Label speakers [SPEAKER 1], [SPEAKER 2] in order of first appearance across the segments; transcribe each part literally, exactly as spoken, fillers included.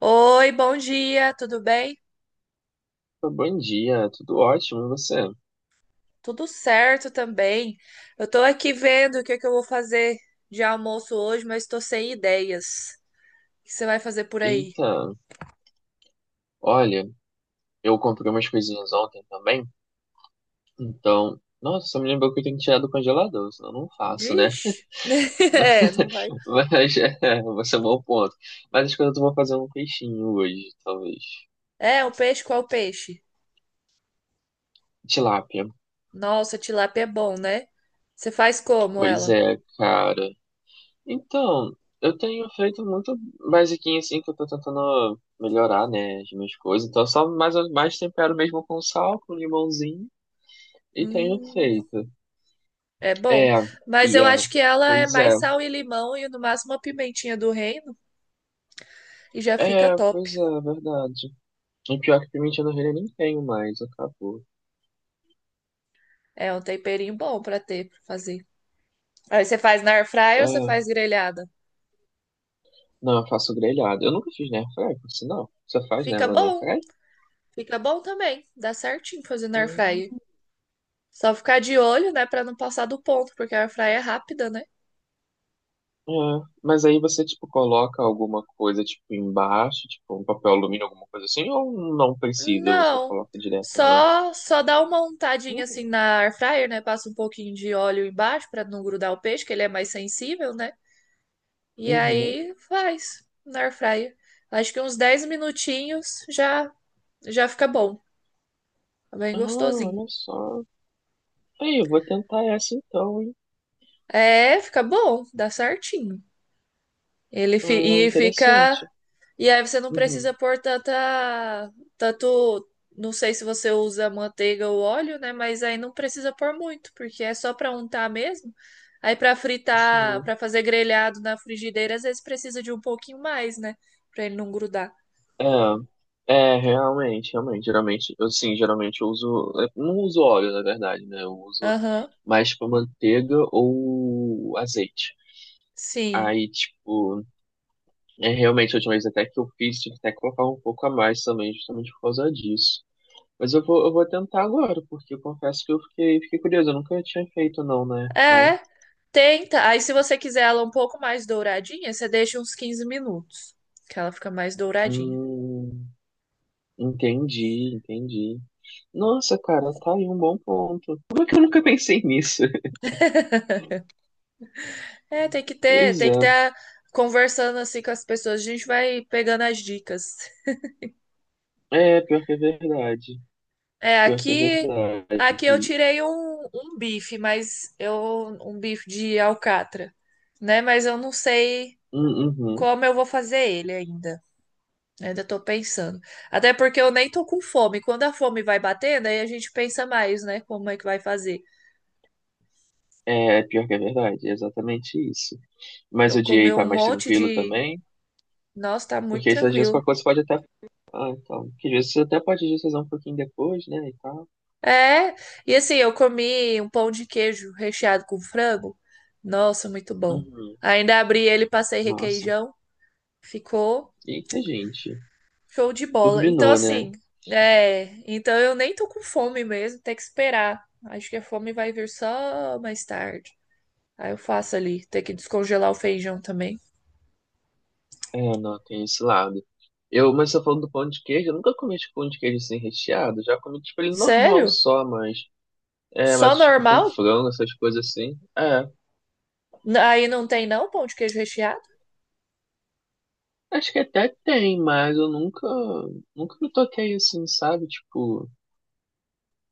[SPEAKER 1] Oi, bom dia, tudo bem?
[SPEAKER 2] Bom dia, tudo ótimo, e você?
[SPEAKER 1] Tudo certo também. Eu tô aqui vendo o que é que eu vou fazer de almoço hoje, mas tô sem ideias. O que você vai fazer por aí?
[SPEAKER 2] Eita, olha, eu comprei umas coisinhas ontem também, então, nossa, só me lembrou que eu tenho que tirar do congelador, senão eu não faço, né?
[SPEAKER 1] Vixe. É, não vai.
[SPEAKER 2] Mas, é, você é um bom ponto. Mas acho que eu vou fazer um peixinho hoje, talvez.
[SPEAKER 1] É, o peixe, qual peixe?
[SPEAKER 2] Tilápia.
[SPEAKER 1] Nossa, tilápia é bom, né? Você faz como
[SPEAKER 2] Pois
[SPEAKER 1] ela?
[SPEAKER 2] é, cara. Então, eu tenho feito muito basiquinho assim, que eu tô tentando melhorar, né, as minhas coisas, então só mais, mais tempero mesmo com sal, com limãozinho, e tenho
[SPEAKER 1] Hum,
[SPEAKER 2] feito.
[SPEAKER 1] é bom.
[SPEAKER 2] É,
[SPEAKER 1] Mas
[SPEAKER 2] e
[SPEAKER 1] eu
[SPEAKER 2] é.
[SPEAKER 1] acho que ela é
[SPEAKER 2] Pois
[SPEAKER 1] mais
[SPEAKER 2] é.
[SPEAKER 1] sal e limão e no máximo uma pimentinha do reino e já fica
[SPEAKER 2] É,
[SPEAKER 1] top.
[SPEAKER 2] pois é, verdade. E pior que pimenta do reino eu nem tenho mais, acabou.
[SPEAKER 1] É um temperinho bom pra ter, pra fazer. Aí você faz na air fryer ou você
[SPEAKER 2] É,
[SPEAKER 1] faz grelhada?
[SPEAKER 2] não, eu faço grelhado. Eu nunca fiz na airfryer, por sinal. Você faz
[SPEAKER 1] Fica
[SPEAKER 2] nela na
[SPEAKER 1] bom,
[SPEAKER 2] airfryer?
[SPEAKER 1] fica bom também. Dá certinho fazer na air fryer.
[SPEAKER 2] Hum.
[SPEAKER 1] Só ficar de olho, né, pra não passar do ponto, porque a air fryer é rápida, né?
[SPEAKER 2] É, mas aí você, tipo, coloca alguma coisa, tipo, embaixo, tipo, um papel alumínio, alguma coisa assim, ou não precisa, você
[SPEAKER 1] Não.
[SPEAKER 2] coloca direto na...
[SPEAKER 1] Só só dá uma untadinha
[SPEAKER 2] Hum.
[SPEAKER 1] assim na air fryer, né? Passa um pouquinho de óleo embaixo pra não grudar o peixe, que ele é mais sensível, né? E
[SPEAKER 2] Uhum.
[SPEAKER 1] aí faz na air fryer. Acho que uns dez minutinhos já já fica bom. Tá bem
[SPEAKER 2] Ah,
[SPEAKER 1] gostosinho.
[SPEAKER 2] olha só. Aí, eu vou tentar essa então, hein?
[SPEAKER 1] É, fica bom, dá certinho. Ele
[SPEAKER 2] Ah,
[SPEAKER 1] fi- e fica
[SPEAKER 2] interessante.
[SPEAKER 1] E aí você não
[SPEAKER 2] Uhum.
[SPEAKER 1] precisa pôr tanta, tanto, não sei se você usa manteiga ou óleo, né? Mas aí não precisa pôr muito, porque é só para untar mesmo. Aí para fritar,
[SPEAKER 2] Sim.
[SPEAKER 1] para fazer grelhado na frigideira, às vezes precisa de um pouquinho mais, né? Para ele não grudar.
[SPEAKER 2] É, é, realmente, realmente, geralmente, eu sim, geralmente eu uso, eu não uso óleo, na verdade, né, eu uso
[SPEAKER 1] Aham,
[SPEAKER 2] mais, tipo, manteiga ou azeite.
[SPEAKER 1] sim.
[SPEAKER 2] Aí, tipo, é realmente, a última vez até que eu fiz, tive até que colocar um pouco a mais também, justamente por causa disso. Mas eu vou, eu vou tentar agora, porque eu confesso que eu fiquei, fiquei curioso, eu nunca tinha feito não, né, aí,
[SPEAKER 1] É, tenta. Aí se você quiser ela um pouco mais douradinha, você deixa uns quinze minutos, que ela fica mais douradinha.
[SPEAKER 2] hum, entendi, entendi. Nossa, cara, tá aí um bom ponto. Como é que eu nunca pensei nisso?
[SPEAKER 1] É, tem que ter,
[SPEAKER 2] Pois
[SPEAKER 1] tem que
[SPEAKER 2] é.
[SPEAKER 1] ter a- conversando assim com as pessoas, a gente vai pegando as dicas.
[SPEAKER 2] É, pior que é verdade.
[SPEAKER 1] É,
[SPEAKER 2] Pior que é
[SPEAKER 1] aqui, aqui eu
[SPEAKER 2] verdade.
[SPEAKER 1] tirei um, um bife, mas eu um bife de alcatra, né? Mas eu não sei
[SPEAKER 2] Hum. Uhum.
[SPEAKER 1] como eu vou fazer ele ainda, né? Ainda tô pensando. Até porque eu nem tô com fome. Quando a fome vai batendo, aí a gente pensa mais, né? Como é que vai fazer?
[SPEAKER 2] É, pior que é verdade. É exatamente isso. Mas
[SPEAKER 1] Eu
[SPEAKER 2] o dia
[SPEAKER 1] comi
[SPEAKER 2] aí
[SPEAKER 1] um
[SPEAKER 2] tá mais
[SPEAKER 1] monte
[SPEAKER 2] tranquilo
[SPEAKER 1] de.
[SPEAKER 2] também,
[SPEAKER 1] Nossa, tá muito
[SPEAKER 2] porque isso às vezes
[SPEAKER 1] tranquilo.
[SPEAKER 2] qualquer coisa pode até. Ah, então. Que às vezes você até pode fazer um pouquinho depois, né? E tal.
[SPEAKER 1] É, e assim, eu comi um pão de queijo recheado com frango. Nossa, muito bom.
[SPEAKER 2] Uhum.
[SPEAKER 1] Ainda abri ele, passei
[SPEAKER 2] Nossa.
[SPEAKER 1] requeijão. Ficou.
[SPEAKER 2] Eita, gente.
[SPEAKER 1] Show de bola. Então,
[SPEAKER 2] Turbinou, né?
[SPEAKER 1] assim, é, então eu nem tô com fome mesmo, tem que esperar. Acho que a fome vai vir só mais tarde. Aí eu faço ali, tem que descongelar o feijão também.
[SPEAKER 2] É, não, tem esse lado. Eu, mas você tá falando do pão de queijo, eu nunca comi tipo, pão de queijo sem recheado. Já comi tipo ele normal
[SPEAKER 1] Sério?
[SPEAKER 2] só, mas. É,
[SPEAKER 1] Só
[SPEAKER 2] mas tipo com
[SPEAKER 1] normal?
[SPEAKER 2] frango, essas coisas assim. É.
[SPEAKER 1] N- Aí não tem não pão de queijo recheado?
[SPEAKER 2] Acho que até tem, mas eu nunca, nunca me toquei assim, sabe? Tipo,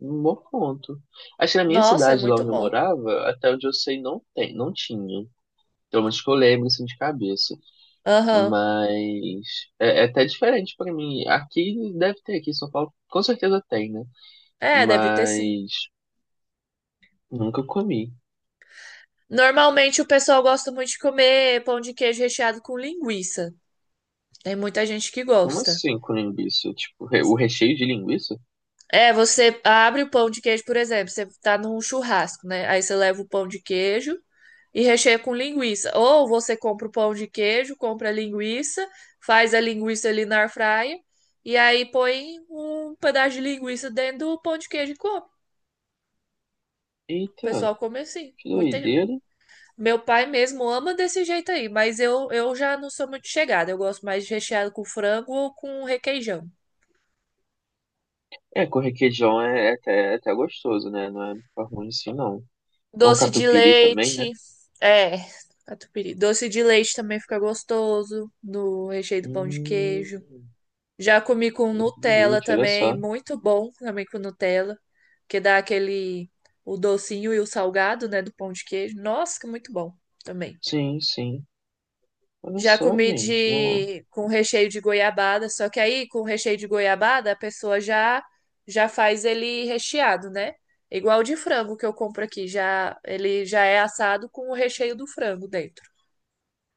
[SPEAKER 2] num bom ponto. Acho que na minha
[SPEAKER 1] Nossa, é
[SPEAKER 2] cidade, lá
[SPEAKER 1] muito
[SPEAKER 2] onde eu
[SPEAKER 1] bom.
[SPEAKER 2] morava, até onde eu sei, não tem, não tinha. Pelo menos que eu lembro, assim, de cabeça.
[SPEAKER 1] Aham.
[SPEAKER 2] Mas é, é até diferente pra mim. Aqui deve ter, aqui em São Paulo, com certeza tem, né?
[SPEAKER 1] É, deve ter sim.
[SPEAKER 2] Mas nunca comi.
[SPEAKER 1] Normalmente o pessoal gosta muito de comer pão de queijo recheado com linguiça. Tem muita gente que
[SPEAKER 2] Como
[SPEAKER 1] gosta.
[SPEAKER 2] assim com linguiça? Tipo, re- o recheio de linguiça?
[SPEAKER 1] É, você abre o pão de queijo, por exemplo, você tá num churrasco, né? Aí você leva o pão de queijo e recheia com linguiça. Ou você compra o pão de queijo, compra a linguiça, faz a linguiça ali na airfryer e aí põe um pedaço de linguiça dentro do pão de queijo e come. O
[SPEAKER 2] Eita,
[SPEAKER 1] pessoal come assim.
[SPEAKER 2] que
[SPEAKER 1] Muita...
[SPEAKER 2] doideira.
[SPEAKER 1] Meu pai mesmo ama desse jeito aí, mas eu, eu já não sou muito chegada. Eu gosto mais de recheado com frango ou com requeijão.
[SPEAKER 2] É, com requeijão é, é até, é até gostoso, né? Não é ficar ruim assim, não. É um
[SPEAKER 1] Doce de
[SPEAKER 2] catupiry também, né?
[SPEAKER 1] leite. É, catupiry. Doce de leite também fica gostoso no recheio do pão de
[SPEAKER 2] Hum,
[SPEAKER 1] queijo. Já comi com
[SPEAKER 2] doce de
[SPEAKER 1] Nutella
[SPEAKER 2] leite, olha
[SPEAKER 1] também,
[SPEAKER 2] só.
[SPEAKER 1] muito bom também com Nutella, que dá aquele o docinho e o salgado, né, do pão de queijo. Nossa, que muito bom também.
[SPEAKER 2] Sim, sim. Olha
[SPEAKER 1] Já
[SPEAKER 2] só,
[SPEAKER 1] comi
[SPEAKER 2] gente. Não...
[SPEAKER 1] de com recheio de goiabada, só que aí com recheio de goiabada a pessoa já já faz ele recheado, né? Igual o de frango que eu compro aqui, já ele já é assado com o recheio do frango dentro,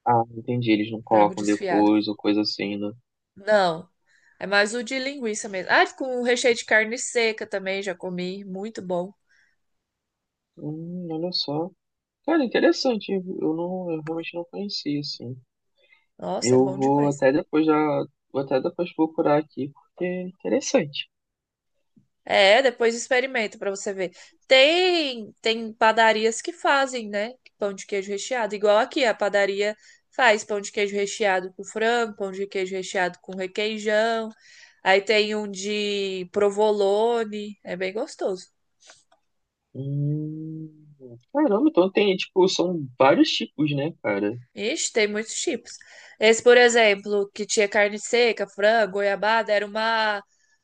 [SPEAKER 2] Ah, entendi. Eles não
[SPEAKER 1] frango
[SPEAKER 2] colocam
[SPEAKER 1] desfiado.
[SPEAKER 2] depois ou coisa assim, né?
[SPEAKER 1] Não, é mais o de linguiça mesmo. Ah, com recheio de carne seca também já comi, muito bom.
[SPEAKER 2] Hum, olha só. Cara, interessante. Eu não, eu realmente não conhecia, assim.
[SPEAKER 1] Nossa, é
[SPEAKER 2] Eu
[SPEAKER 1] bom
[SPEAKER 2] vou
[SPEAKER 1] demais.
[SPEAKER 2] até depois já, vou até depois procurar aqui, porque é interessante.
[SPEAKER 1] É, depois experimenta pra você ver. Tem tem padarias que fazem, né? Pão de queijo recheado, igual aqui a padaria faz pão de queijo recheado com frango, pão de queijo recheado com requeijão. Aí tem um de provolone, é bem gostoso.
[SPEAKER 2] Hum, caramba, então tem, tipo, são vários tipos, né, cara?
[SPEAKER 1] Ixi, tem muitos tipos. Esse, por exemplo, que tinha carne seca, frango, goiabada, era uma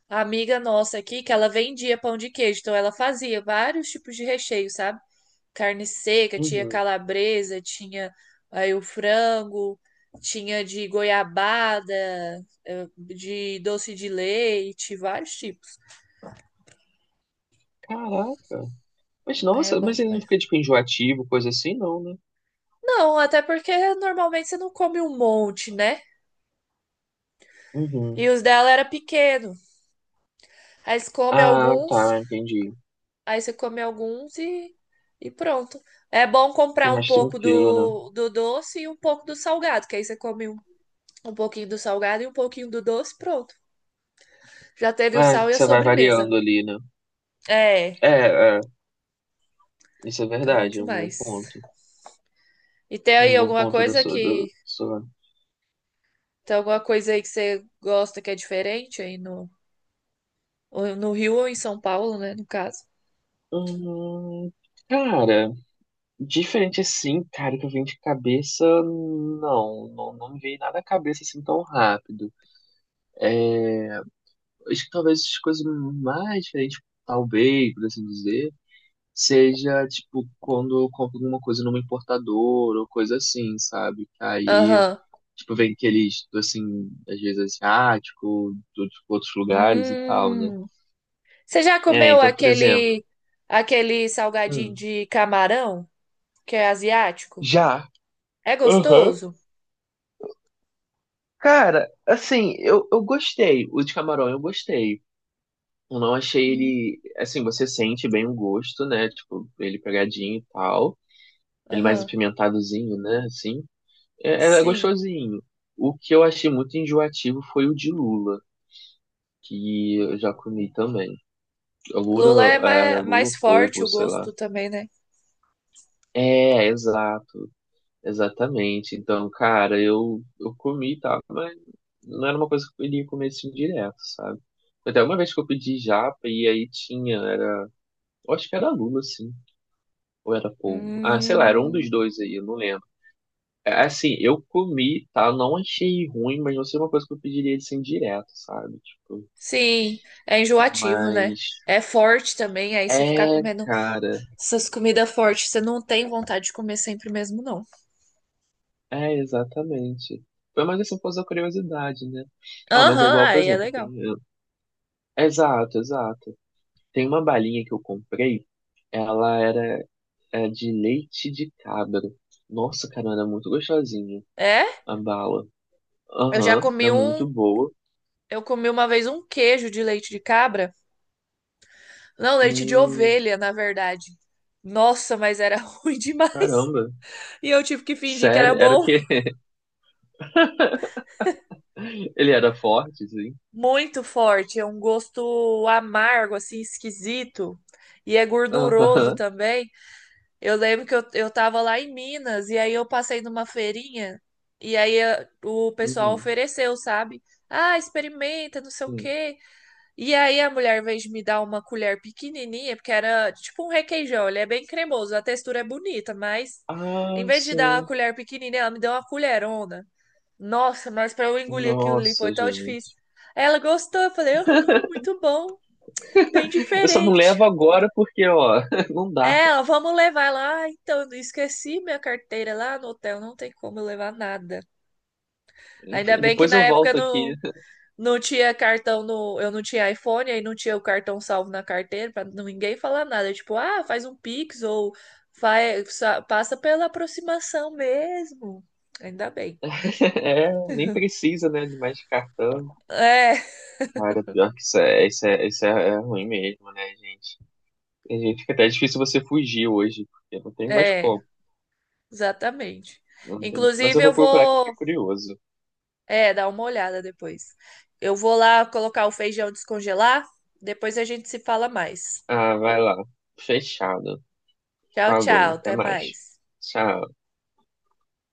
[SPEAKER 1] amiga nossa aqui que ela vendia pão de queijo, então ela fazia vários tipos de recheio, sabe? Carne seca, tinha
[SPEAKER 2] Uhum.
[SPEAKER 1] calabresa, tinha aí o frango, tinha de goiabada, eh, de doce de leite, vários tipos.
[SPEAKER 2] Caraca. Mas
[SPEAKER 1] É
[SPEAKER 2] nossa,
[SPEAKER 1] bom
[SPEAKER 2] mas ele não
[SPEAKER 1] demais.
[SPEAKER 2] fica tipo enjoativo, coisa assim, não, né?
[SPEAKER 1] Não, até porque normalmente você não come um monte, né?
[SPEAKER 2] Uhum.
[SPEAKER 1] E os dela era pequeno. Aí você come
[SPEAKER 2] Ah,
[SPEAKER 1] alguns,
[SPEAKER 2] tá, entendi.
[SPEAKER 1] aí você come alguns e, e pronto. É bom
[SPEAKER 2] Fica
[SPEAKER 1] comprar um
[SPEAKER 2] mais
[SPEAKER 1] pouco
[SPEAKER 2] tranquilo, né?
[SPEAKER 1] do, do doce e um pouco do salgado, que aí você come um, um pouquinho do salgado e um pouquinho do doce, pronto. Já teve o
[SPEAKER 2] É,
[SPEAKER 1] sal e a
[SPEAKER 2] você vai
[SPEAKER 1] sobremesa.
[SPEAKER 2] variando ali, né?
[SPEAKER 1] É,
[SPEAKER 2] É, é, isso é
[SPEAKER 1] fica bom
[SPEAKER 2] verdade, é um bom
[SPEAKER 1] demais.
[SPEAKER 2] ponto.
[SPEAKER 1] E tem aí
[SPEAKER 2] Um bom
[SPEAKER 1] alguma
[SPEAKER 2] ponto da
[SPEAKER 1] coisa
[SPEAKER 2] sua,
[SPEAKER 1] que.
[SPEAKER 2] do, sua.
[SPEAKER 1] Tem alguma coisa aí que você gosta que é diferente aí no, ou no Rio ou em São Paulo, né? No caso.
[SPEAKER 2] Hum, cara, diferente assim, cara, que eu vim de cabeça, não, não, não me veio nada à cabeça assim tão rápido. Acho que talvez as coisas mais diferentes, talvez, por assim dizer, seja, tipo, quando eu compro alguma coisa numa importadora ou coisa assim, sabe? Aí,
[SPEAKER 1] Aham.
[SPEAKER 2] tipo, vem aqueles, assim, às vezes asiático, de outros lugares e tal, né?
[SPEAKER 1] Hum. Você já
[SPEAKER 2] É,
[SPEAKER 1] comeu
[SPEAKER 2] então, por exemplo,
[SPEAKER 1] aquele aquele salgadinho
[SPEAKER 2] hum,
[SPEAKER 1] de camarão, que é asiático?
[SPEAKER 2] já.
[SPEAKER 1] É
[SPEAKER 2] Aham.
[SPEAKER 1] gostoso?
[SPEAKER 2] Cara, assim, eu, eu gostei. O de camarão eu gostei. Eu não achei
[SPEAKER 1] Hum.
[SPEAKER 2] ele. Assim, você sente bem o gosto, né? Tipo, ele pegadinho e tal. Ele mais
[SPEAKER 1] Aham.
[SPEAKER 2] apimentadozinho, né? Assim. É, é é
[SPEAKER 1] Sim.
[SPEAKER 2] gostosinho. O que eu achei muito enjoativo foi o de Lula, que eu já comi também.
[SPEAKER 1] Lula
[SPEAKER 2] Lula,
[SPEAKER 1] é
[SPEAKER 2] é, era
[SPEAKER 1] mais,
[SPEAKER 2] Lula
[SPEAKER 1] mais forte
[SPEAKER 2] polvo,
[SPEAKER 1] o
[SPEAKER 2] sei lá.
[SPEAKER 1] gosto também, né?
[SPEAKER 2] É, exato. Exatamente. Então, cara, eu, eu comi tá, mas não era uma coisa que eu iria comer assim direto, sabe? Até uma vez que eu pedi japa e aí tinha, era. Eu acho que era Lula, sim. Ou era polvo. Ah, sei lá, era um dos
[SPEAKER 1] Hum.
[SPEAKER 2] dois aí, eu não lembro. É, é assim, eu comi, tá? Eu não achei ruim, mas não sei uma coisa que eu pediria de sem direto, sabe? Tipo,
[SPEAKER 1] Sim, é enjoativo, né?
[SPEAKER 2] mas.
[SPEAKER 1] É forte também, aí você ficar
[SPEAKER 2] É,
[SPEAKER 1] comendo
[SPEAKER 2] cara.
[SPEAKER 1] essas comidas fortes, você não tem vontade de comer sempre mesmo, não.
[SPEAKER 2] É, exatamente. Foi mais assim por causa da curiosidade, né? Ah, mas é
[SPEAKER 1] Aham,
[SPEAKER 2] igual, por
[SPEAKER 1] aí é
[SPEAKER 2] exemplo, tem.
[SPEAKER 1] legal.
[SPEAKER 2] Exato, exato. Tem uma balinha que eu comprei, ela era é, de leite de cabra. Nossa, cara, era muito gostosinha
[SPEAKER 1] É?
[SPEAKER 2] a bala.
[SPEAKER 1] Eu já
[SPEAKER 2] Aham,
[SPEAKER 1] comi
[SPEAKER 2] era
[SPEAKER 1] um,
[SPEAKER 2] muito boa.
[SPEAKER 1] eu comi uma vez um queijo de leite de cabra. Não, leite de
[SPEAKER 2] Hum,
[SPEAKER 1] ovelha, na verdade. Nossa, mas era ruim demais.
[SPEAKER 2] caramba.
[SPEAKER 1] E eu tive que fingir que era
[SPEAKER 2] Sério, era o
[SPEAKER 1] bom.
[SPEAKER 2] que ele era forte, sim.
[SPEAKER 1] Muito forte, é um gosto amargo, assim, esquisito. E é gorduroso
[SPEAKER 2] Aham.
[SPEAKER 1] também. Eu lembro que eu, eu tava lá em Minas e aí eu passei numa feirinha e aí eh, o pessoal
[SPEAKER 2] Uhum.
[SPEAKER 1] ofereceu, sabe? Ah, experimenta, não sei o
[SPEAKER 2] Sim.
[SPEAKER 1] quê. E aí a mulher, em vez de me dar uma colher pequenininha, porque era tipo um requeijão, ele é bem cremoso, a textura é bonita, mas em
[SPEAKER 2] Ah,
[SPEAKER 1] vez de dar uma
[SPEAKER 2] sim.
[SPEAKER 1] colher pequenininha, ela me deu uma colherona. Nossa, mas pra eu engolir aquilo ali
[SPEAKER 2] Nossa,
[SPEAKER 1] foi tão difícil.
[SPEAKER 2] gente.
[SPEAKER 1] Ela gostou, eu falei, aham, muito bom, bem
[SPEAKER 2] Eu só não
[SPEAKER 1] diferente.
[SPEAKER 2] levo agora porque, ó, não dá.
[SPEAKER 1] É, ó, vamos levar lá. Ah, então, eu esqueci minha carteira lá no hotel, não tem como eu levar nada. Ainda bem que
[SPEAKER 2] Depois
[SPEAKER 1] na
[SPEAKER 2] eu
[SPEAKER 1] época
[SPEAKER 2] volto
[SPEAKER 1] não,
[SPEAKER 2] aqui.
[SPEAKER 1] não tinha cartão no, eu não tinha iPhone, aí não tinha o cartão salvo na carteira para ninguém falar nada, tipo, ah, faz um Pix ou faz, passa pela aproximação mesmo. Ainda bem.
[SPEAKER 2] É, nem precisa, né, de mais cartão.
[SPEAKER 1] É,
[SPEAKER 2] Cara, pior que isso é, isso é, isso é é ruim mesmo, né, gente? A gente fica até é difícil você fugir hoje, porque não tem mais
[SPEAKER 1] é,
[SPEAKER 2] como.
[SPEAKER 1] exatamente.
[SPEAKER 2] Não tem... mais. Mas eu
[SPEAKER 1] Inclusive
[SPEAKER 2] vou
[SPEAKER 1] eu
[SPEAKER 2] procurar que eu fiquei
[SPEAKER 1] vou,
[SPEAKER 2] curioso.
[SPEAKER 1] é, dar uma olhada depois. Eu vou lá colocar o feijão descongelar, depois a gente se fala mais.
[SPEAKER 2] Ah, vai lá. Fechado.
[SPEAKER 1] Tchau, tchau.
[SPEAKER 2] Falou, até
[SPEAKER 1] Até
[SPEAKER 2] mais.
[SPEAKER 1] mais.
[SPEAKER 2] Tchau.